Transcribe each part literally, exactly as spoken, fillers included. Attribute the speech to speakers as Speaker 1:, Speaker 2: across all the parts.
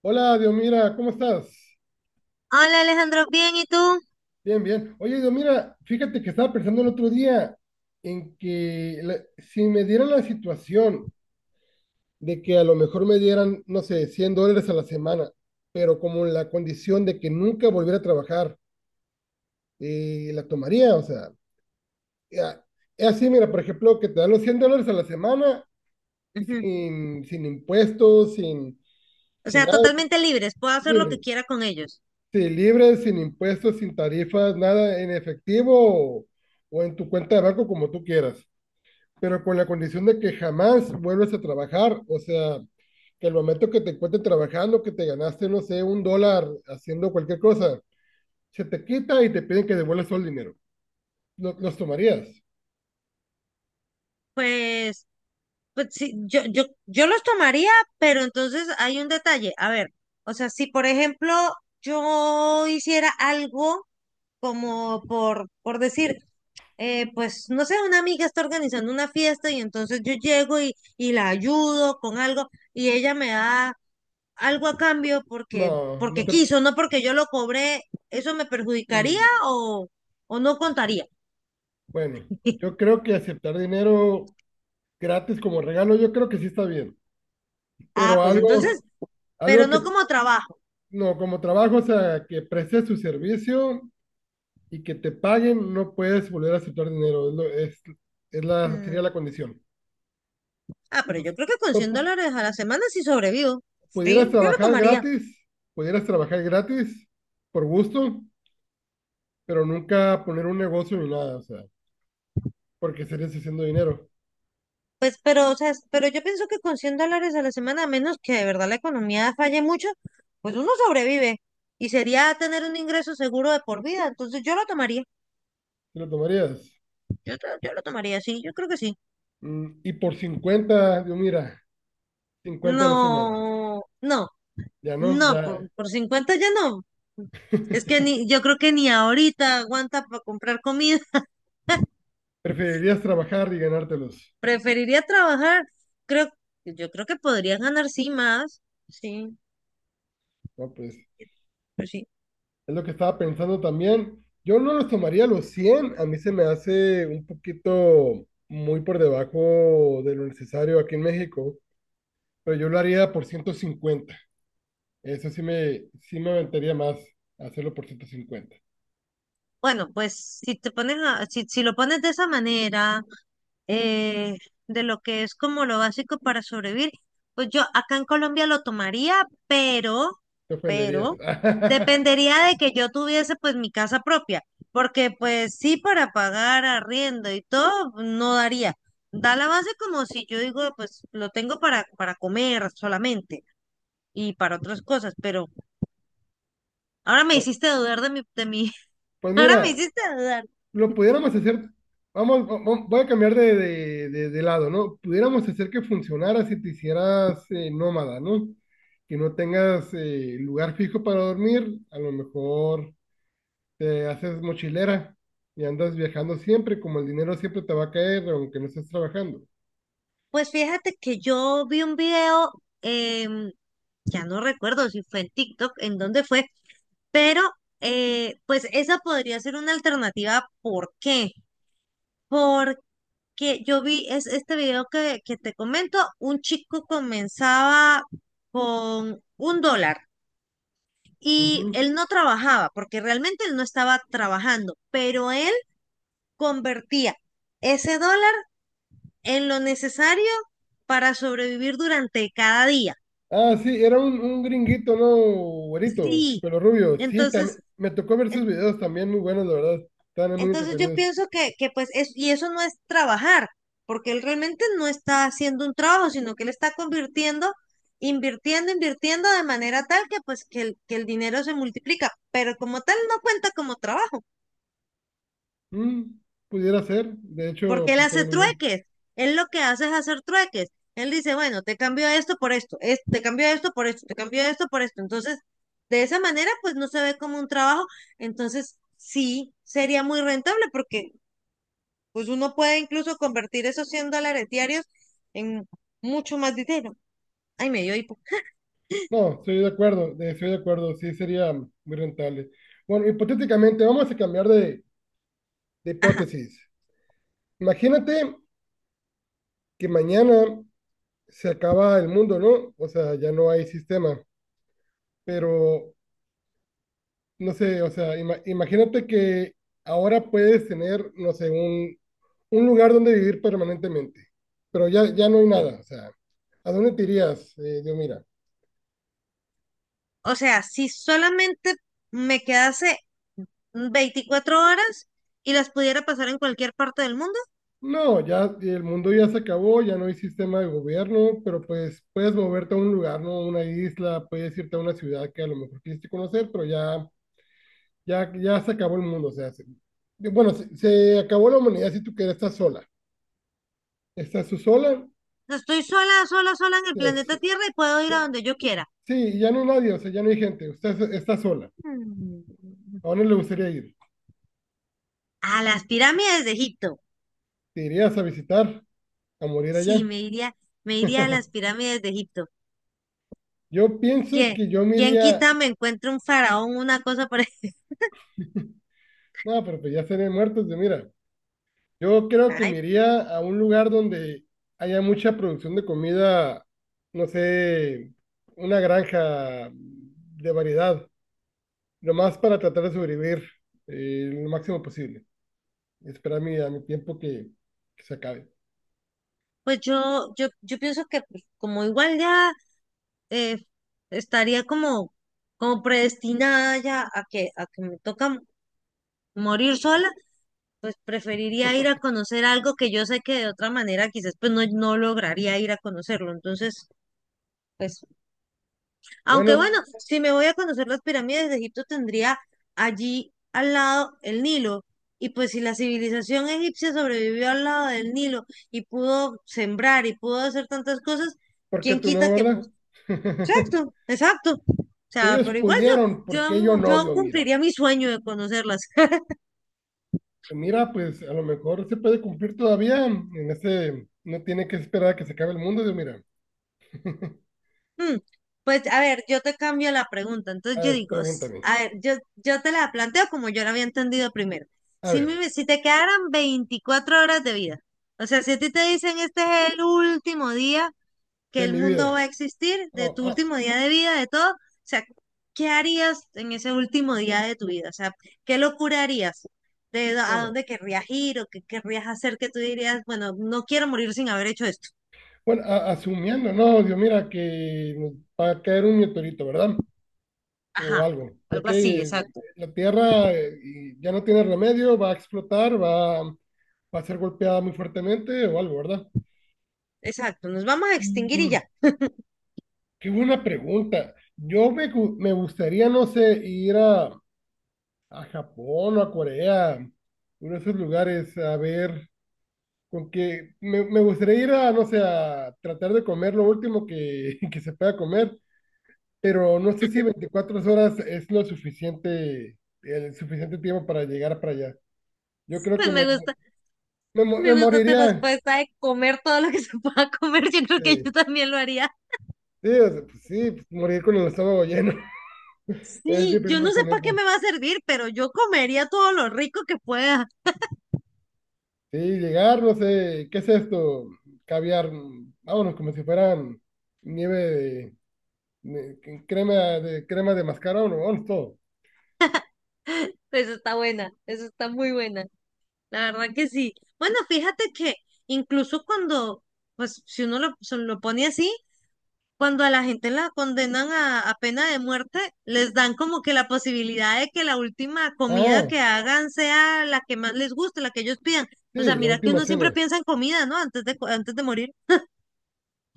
Speaker 1: Hola, Diomira, ¿cómo estás?
Speaker 2: Hola Alejandro, bien, ¿y tú?
Speaker 1: Bien, bien. Oye, Diomira, fíjate que estaba pensando el otro día en que la- si me dieran la situación de que a lo mejor me dieran, no sé, cien dólares a la semana, pero como la condición de que nunca volviera a trabajar, eh, la tomaría, o sea, ya- es así, mira, por ejemplo, que te dan los cien dólares a la semana
Speaker 2: Ujú.
Speaker 1: sin, sin impuestos, sin,
Speaker 2: O
Speaker 1: sin
Speaker 2: sea,
Speaker 1: nada,
Speaker 2: totalmente libres, puedo hacer lo que
Speaker 1: libre.
Speaker 2: quiera con ellos.
Speaker 1: Sí, libre, sin impuestos, sin tarifas, nada en efectivo o, o en tu cuenta de banco como tú quieras, pero con la condición de que jamás vuelves a trabajar, o sea, que al momento que te encuentres trabajando, que te ganaste, no sé, un dólar haciendo cualquier cosa, se te quita y te piden que devuelvas todo el dinero. ¿Lo- ¿Los tomarías?
Speaker 2: Pues, Pues sí, yo, yo, yo los tomaría, pero entonces hay un detalle. A ver, o sea, si por ejemplo yo hiciera algo como por, por decir, eh, pues no sé, una amiga está organizando una fiesta y entonces yo llego y, y la ayudo con algo y ella me da algo a cambio porque,
Speaker 1: No, no,
Speaker 2: porque
Speaker 1: te...
Speaker 2: quiso, no porque yo lo cobré, ¿eso me perjudicaría
Speaker 1: mm,
Speaker 2: o, o no contaría?
Speaker 1: bueno, yo creo que aceptar dinero gratis como regalo, yo creo que sí está bien,
Speaker 2: Ah,
Speaker 1: pero
Speaker 2: pues entonces,
Speaker 1: algo,
Speaker 2: pero
Speaker 1: algo
Speaker 2: no
Speaker 1: que
Speaker 2: como trabajo.
Speaker 1: no, como trabajo, o sea, que prestes tu servicio y que te paguen, no puedes volver a aceptar dinero. Es, lo- es- es la, Sería la condición.
Speaker 2: Ah, pero yo
Speaker 1: Entonces,
Speaker 2: creo que con
Speaker 1: pu-
Speaker 2: cien
Speaker 1: pu-
Speaker 2: dólares a la semana sí sobrevivo.
Speaker 1: pudieras
Speaker 2: Sí, yo lo
Speaker 1: trabajar
Speaker 2: tomaría.
Speaker 1: gratis, pudieras trabajar gratis por gusto, pero nunca poner un negocio ni nada, o sea, porque estarías haciendo dinero.
Speaker 2: Pues, pero, o sea, es- pero yo pienso que con cien dólares a la semana, a menos que de verdad la economía falle mucho, pues uno sobrevive. Y sería tener un ingreso seguro de por vida. Entonces yo lo tomaría.
Speaker 1: ¿Te lo tomarías?
Speaker 2: Yo, to- yo lo tomaría, sí, yo creo que sí.
Speaker 1: Mm, y por cincuenta, yo mira, cincuenta a la semana.
Speaker 2: No, no,
Speaker 1: Ya no,
Speaker 2: no, por,
Speaker 1: ya.
Speaker 2: por cincuenta ya no. Es que ni, yo creo que ni ahorita aguanta para comprar comida.
Speaker 1: Preferirías trabajar y ganártelos.
Speaker 2: Preferiría trabajar. Creo, yo creo que podría ganar sí más. Sí.
Speaker 1: No, pues.
Speaker 2: Pues sí.
Speaker 1: Es lo que estaba pensando también. Yo no los tomaría los cien. A mí se me hace un poquito muy por debajo de lo necesario aquí en México. Pero yo lo haría por ciento cincuenta. Eso sí me, sí me aventaría más hacerlo por ciento cincuenta.
Speaker 2: Bueno, pues si te pones a- si, si lo pones de esa manera, eh, de lo que es como lo básico para sobrevivir, pues yo acá en Colombia lo tomaría, pero,
Speaker 1: Te ofenderías.
Speaker 2: pero dependería de que yo tuviese pues mi casa propia, porque pues sí para pagar arriendo y todo pues, no daría. Da la base como si yo digo, pues lo tengo para, para comer solamente y para otras cosas, pero ahora me hiciste dudar de mi, de mi,
Speaker 1: Pues
Speaker 2: ahora me
Speaker 1: mira,
Speaker 2: hiciste dudar.
Speaker 1: lo pudiéramos hacer, vamos, va- va- voy a cambiar de, de- de- de lado, ¿no? Pudiéramos hacer que funcionara si te hicieras eh, nómada, ¿no? Que no tengas eh, lugar fijo para dormir, a lo mejor te haces mochilera y andas viajando siempre, como el dinero siempre te va a caer, aunque no estés trabajando.
Speaker 2: Pues fíjate que yo vi un video, em, ya no recuerdo si fue en TikTok, en dónde fue, pero eh, pues esa podría ser una alternativa. ¿Por qué? Porque yo vi es este video que, que te comento, un chico comenzaba con un dólar y
Speaker 1: Ujú.
Speaker 2: él no trabajaba, porque realmente él no estaba trabajando, pero él convertía ese dólar en lo necesario para sobrevivir durante cada día.
Speaker 1: Ah, sí, era un, un gringuito, ¿no? Güerito,
Speaker 2: Sí.
Speaker 1: pelo rubio. Sí, también,
Speaker 2: Entonces,
Speaker 1: me tocó ver sus
Speaker 2: en-
Speaker 1: videos también muy buenos, la verdad. Estaban muy
Speaker 2: entonces yo
Speaker 1: entretenidos.
Speaker 2: pienso que, que pues es, y eso no es trabajar, porque él realmente no está haciendo un trabajo, sino que él está convirtiendo, invirtiendo, invirtiendo de manera tal que pues que el, que el dinero se multiplica, pero como tal no cuenta como trabajo.
Speaker 1: Mm, pudiera ser, de hecho,
Speaker 2: Porque él
Speaker 1: aplicaría
Speaker 2: hace
Speaker 1: muy bien.
Speaker 2: trueques. Él lo que hace es hacer trueques. Él dice, bueno, te cambio esto por esto, es- te cambio esto por esto, te cambio esto por esto. Entonces, de esa manera, pues no se ve como un trabajo. Entonces, sí, sería muy rentable porque pues uno puede incluso convertir esos cien dólares diarios en mucho más dinero. Ay, me dio hipo.
Speaker 1: No, estoy de acuerdo, de- estoy de acuerdo, sí sería muy rentable. Bueno, hipotéticamente, vamos a cambiar de, de
Speaker 2: Ajá.
Speaker 1: hipótesis. Imagínate que mañana se acaba el mundo, ¿no? O sea, ya no hay sistema, pero no sé, o sea, ima- imagínate que ahora puedes tener, no sé, un, un, lugar donde vivir permanentemente, pero ya, ya no hay nada, o sea, ¿a dónde te irías, eh, Dios?
Speaker 2: O sea, si solamente me quedase veinticuatro horas y las pudiera pasar en cualquier parte del mundo,
Speaker 1: No, ya el mundo ya se acabó, ya no hay sistema de gobierno, pero pues puedes moverte a un lugar, ¿no? Una isla, puedes irte a una ciudad que a lo mejor quisiste conocer, pero ya, ya, ya se acabó el mundo, o sea, se- bueno, se, se acabó la humanidad si tú quieres, estás sola. Estás tú sola,
Speaker 2: estoy sola, sola, sola en el
Speaker 1: es-
Speaker 2: planeta Tierra y puedo ir a donde yo quiera.
Speaker 1: sí, ya no hay nadie, o sea, ya no hay gente, usted es- está sola.
Speaker 2: Mm.
Speaker 1: ¿A dónde le gustaría ir?
Speaker 2: A las pirámides de Egipto.
Speaker 1: ¿Te irías a visitar, a morir allá?
Speaker 2: Sí, me iría, me iría a las pirámides de Egipto.
Speaker 1: Yo pienso
Speaker 2: ¿Quién,
Speaker 1: que yo me
Speaker 2: quién
Speaker 1: iría,
Speaker 2: quita me encuentre un faraón, una cosa por ahí?
Speaker 1: no, pero pues ya seré muertos de mira. Yo creo que
Speaker 2: Ay,
Speaker 1: me iría a un lugar donde haya mucha producción de comida, no sé, una granja de variedad, nomás para tratar de sobrevivir eh, lo máximo posible. Esperar mi- a mi tiempo que, que, se acabe.
Speaker 2: pues yo, yo, yo pienso que pues, como igual ya eh, estaría como, como predestinada ya a que, a que me toca m- morir sola, pues preferiría ir a conocer algo que yo sé que de otra manera quizás pues no, no lograría ir a conocerlo. Entonces, eso. Aunque bueno,
Speaker 1: Bueno,
Speaker 2: si me voy a conocer las pirámides de Egipto, tendría allí al lado el Nilo. Y pues si la civilización egipcia sobrevivió al lado del Nilo y pudo sembrar y pudo hacer tantas cosas,
Speaker 1: ¿por qué
Speaker 2: ¿quién
Speaker 1: tú no,
Speaker 2: quita que
Speaker 1: verdad?
Speaker 2: pues, exacto, exacto? O
Speaker 1: Si
Speaker 2: sea,
Speaker 1: Ellos
Speaker 2: pero igual
Speaker 1: pudieron,
Speaker 2: yo,
Speaker 1: ¿por qué yo
Speaker 2: yo,
Speaker 1: no,
Speaker 2: yo
Speaker 1: Dios? Mira,
Speaker 2: cumpliría mi sueño de conocerlas.
Speaker 1: mira, pues a lo mejor se puede cumplir todavía. En ese, no tiene que esperar a que se acabe el mundo, Dios, mira.
Speaker 2: Mm, Pues a ver, yo te cambio la pregunta. Entonces
Speaker 1: A
Speaker 2: yo
Speaker 1: ver,
Speaker 2: digo, s-
Speaker 1: pregúntame.
Speaker 2: a ver, yo, yo te la planteo como yo la había entendido primero.
Speaker 1: A
Speaker 2: Si,
Speaker 1: ver.
Speaker 2: me- si te quedaran veinticuatro horas de vida, o sea, si a ti te dicen este es el último día que
Speaker 1: De
Speaker 2: el
Speaker 1: mi
Speaker 2: mundo
Speaker 1: vida.
Speaker 2: va a existir, de
Speaker 1: Oh,
Speaker 2: tu
Speaker 1: ah,
Speaker 2: último día de vida, de todo, o sea, ¿qué harías en ese último día de tu vida? O sea, ¿qué locura harías? ¿De dó- A
Speaker 1: bueno,
Speaker 2: dónde querrías ir o qué querrías hacer que tú dirías, bueno, no quiero morir sin haber hecho esto?
Speaker 1: bueno, a- asumiendo, no, Dios, mira que nos va a caer un meteorito, ¿verdad? O
Speaker 2: Ajá,
Speaker 1: algo, ¿ok?
Speaker 2: algo así,
Speaker 1: eh,
Speaker 2: exacto.
Speaker 1: La Tierra eh, y ya no tiene remedio, va a explotar, va, va a ser golpeada muy fuertemente o algo, ¿verdad?
Speaker 2: Exacto, nos vamos a extinguir y
Speaker 1: Mm,
Speaker 2: ya.
Speaker 1: qué buena pregunta. Yo me, gu- me gustaría, no sé, ir a, a Japón o a Corea, uno de esos lugares, a ver. Con que me, me gustaría ir a, no sé, a tratar de comer lo último que, que se pueda comer, pero no sé si veinticuatro horas es lo suficiente, el suficiente tiempo para llegar para allá. Yo creo
Speaker 2: Pues
Speaker 1: que
Speaker 2: me
Speaker 1: me,
Speaker 2: gusta,
Speaker 1: me, mo-
Speaker 2: me
Speaker 1: me
Speaker 2: gusta tu
Speaker 1: moriría.
Speaker 2: respuesta de comer todo lo que se pueda comer. Yo creo que
Speaker 1: Sí,
Speaker 2: yo también lo haría.
Speaker 1: sí, o sea, pues sí, pues, morir con el estómago lleno. Es mi
Speaker 2: Sí, yo no
Speaker 1: primer
Speaker 2: sé para qué
Speaker 1: pensamiento.
Speaker 2: me va a servir, pero yo comería todo lo rico que pueda.
Speaker 1: Sí, llegar, no sé, ¿qué es esto? Caviar, mm, vámonos, como si fueran nieve de, de- crema de crema de mascarón, vámonos todo.
Speaker 2: Eso está buena, eso está muy buena. La verdad que sí. Bueno, fíjate que incluso cuando, pues si uno lo, se lo pone así, cuando a la gente la condenan a, a pena de muerte, les dan como que la posibilidad de que la última comida
Speaker 1: Ah,
Speaker 2: que hagan sea la que más les guste, la que ellos pidan. O sea,
Speaker 1: sí, la
Speaker 2: mira que
Speaker 1: última
Speaker 2: uno siempre
Speaker 1: cena.
Speaker 2: piensa en comida, ¿no? Antes de, co- antes de morir.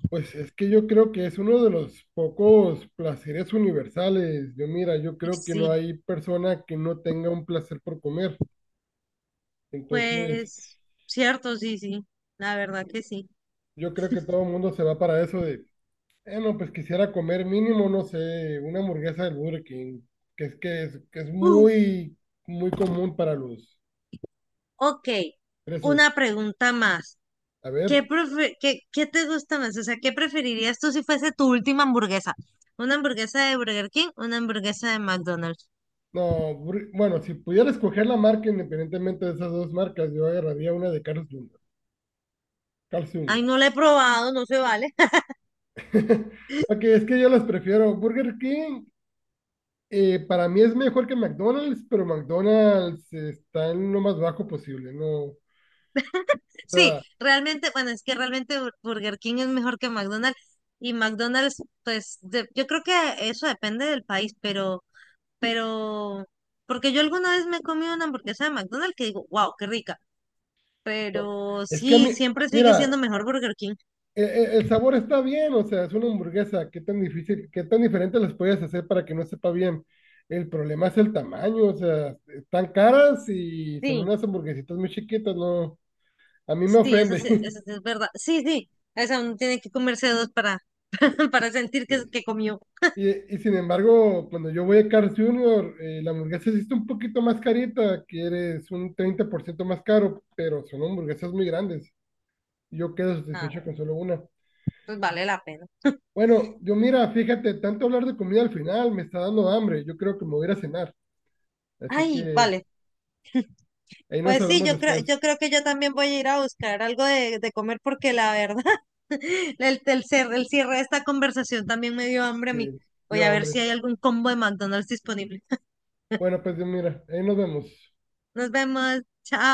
Speaker 1: Pues es que yo creo que es uno de los pocos placeres universales. Yo mira, yo
Speaker 2: Y
Speaker 1: creo que no
Speaker 2: sí,
Speaker 1: hay persona que no tenga un placer por comer. Entonces,
Speaker 2: pues cierto, sí, sí, la verdad que sí.
Speaker 1: yo creo que todo el mundo se va para eso de, eh, no, pues quisiera comer mínimo, no sé, una hamburguesa del Burger King, que es que es, que es
Speaker 2: Uf,
Speaker 1: muy, muy común para los
Speaker 2: ok,
Speaker 1: presos.
Speaker 2: una pregunta más.
Speaker 1: A
Speaker 2: ¿Qué,
Speaker 1: ver,
Speaker 2: prefe- qué, qué te gusta más? O sea, ¿qué preferirías tú si fuese tu última hamburguesa? ¿Una hamburguesa de Burger King? ¿Una hamburguesa de McDonald's?
Speaker 1: no, Bur- bueno, si pudiera escoger la marca independientemente de esas dos marcas, yo agarraría una de Carl's junior Carl's
Speaker 2: Ay,
Speaker 1: junior
Speaker 2: no la he probado, no se vale.
Speaker 1: Ok, es que yo los prefiero. Burger King eh, para mí es mejor que McDonald's, pero McDonald's eh, está en lo más bajo posible, ¿no? O
Speaker 2: Sí,
Speaker 1: sea,
Speaker 2: realmente, bueno, es que realmente Bur- Burger King es mejor que McDonald's, y McDonald's, pues de- yo creo que eso depende del país, pero, pero, porque yo alguna vez me he comido una hamburguesa de McDonald's que digo, wow, qué rica,
Speaker 1: no.
Speaker 2: pero
Speaker 1: Es que a
Speaker 2: sí,
Speaker 1: mí,
Speaker 2: siempre sigue siendo
Speaker 1: mira,
Speaker 2: mejor Burger King.
Speaker 1: e- e- el sabor está bien, o sea, es una hamburguesa, qué tan difícil, qué tan diferente las puedes hacer para que no sepa bien. El problema es el tamaño, o sea, están caras y son
Speaker 2: Sí,
Speaker 1: unas hamburguesitas muy chiquitas, ¿no? A mí me
Speaker 2: sí, eso
Speaker 1: ofende.
Speaker 2: sí, eso sí es verdad. Sí, sí, esa uno tiene que comerse dos para, para sentir que,
Speaker 1: Sí.
Speaker 2: que comió.
Speaker 1: Y, y sin embargo, cuando yo voy a Carl's junior, eh, la hamburguesa sí está un poquito más carita, que es un treinta por ciento más caro, pero son hamburguesas muy grandes. Yo quedo
Speaker 2: Ah,
Speaker 1: satisfecho con solo una.
Speaker 2: pues vale la pena.
Speaker 1: Bueno, yo mira, fíjate, tanto hablar de comida al final me está dando hambre. Yo creo que me voy a ir a cenar. Así
Speaker 2: Ay,
Speaker 1: que
Speaker 2: vale.
Speaker 1: ahí nos
Speaker 2: Pues sí,
Speaker 1: hablamos
Speaker 2: yo creo,
Speaker 1: después.
Speaker 2: yo creo que yo también voy a ir a buscar algo de, de comer porque la verdad, el, el, cer- el cierre de esta conversación también me dio hambre a mí.
Speaker 1: Sí,
Speaker 2: Voy
Speaker 1: dio
Speaker 2: a ver si
Speaker 1: hambre.
Speaker 2: hay algún combo de McDonald's disponible.
Speaker 1: Bueno, pues yo mira, ahí nos vemos.
Speaker 2: Nos vemos. Chao.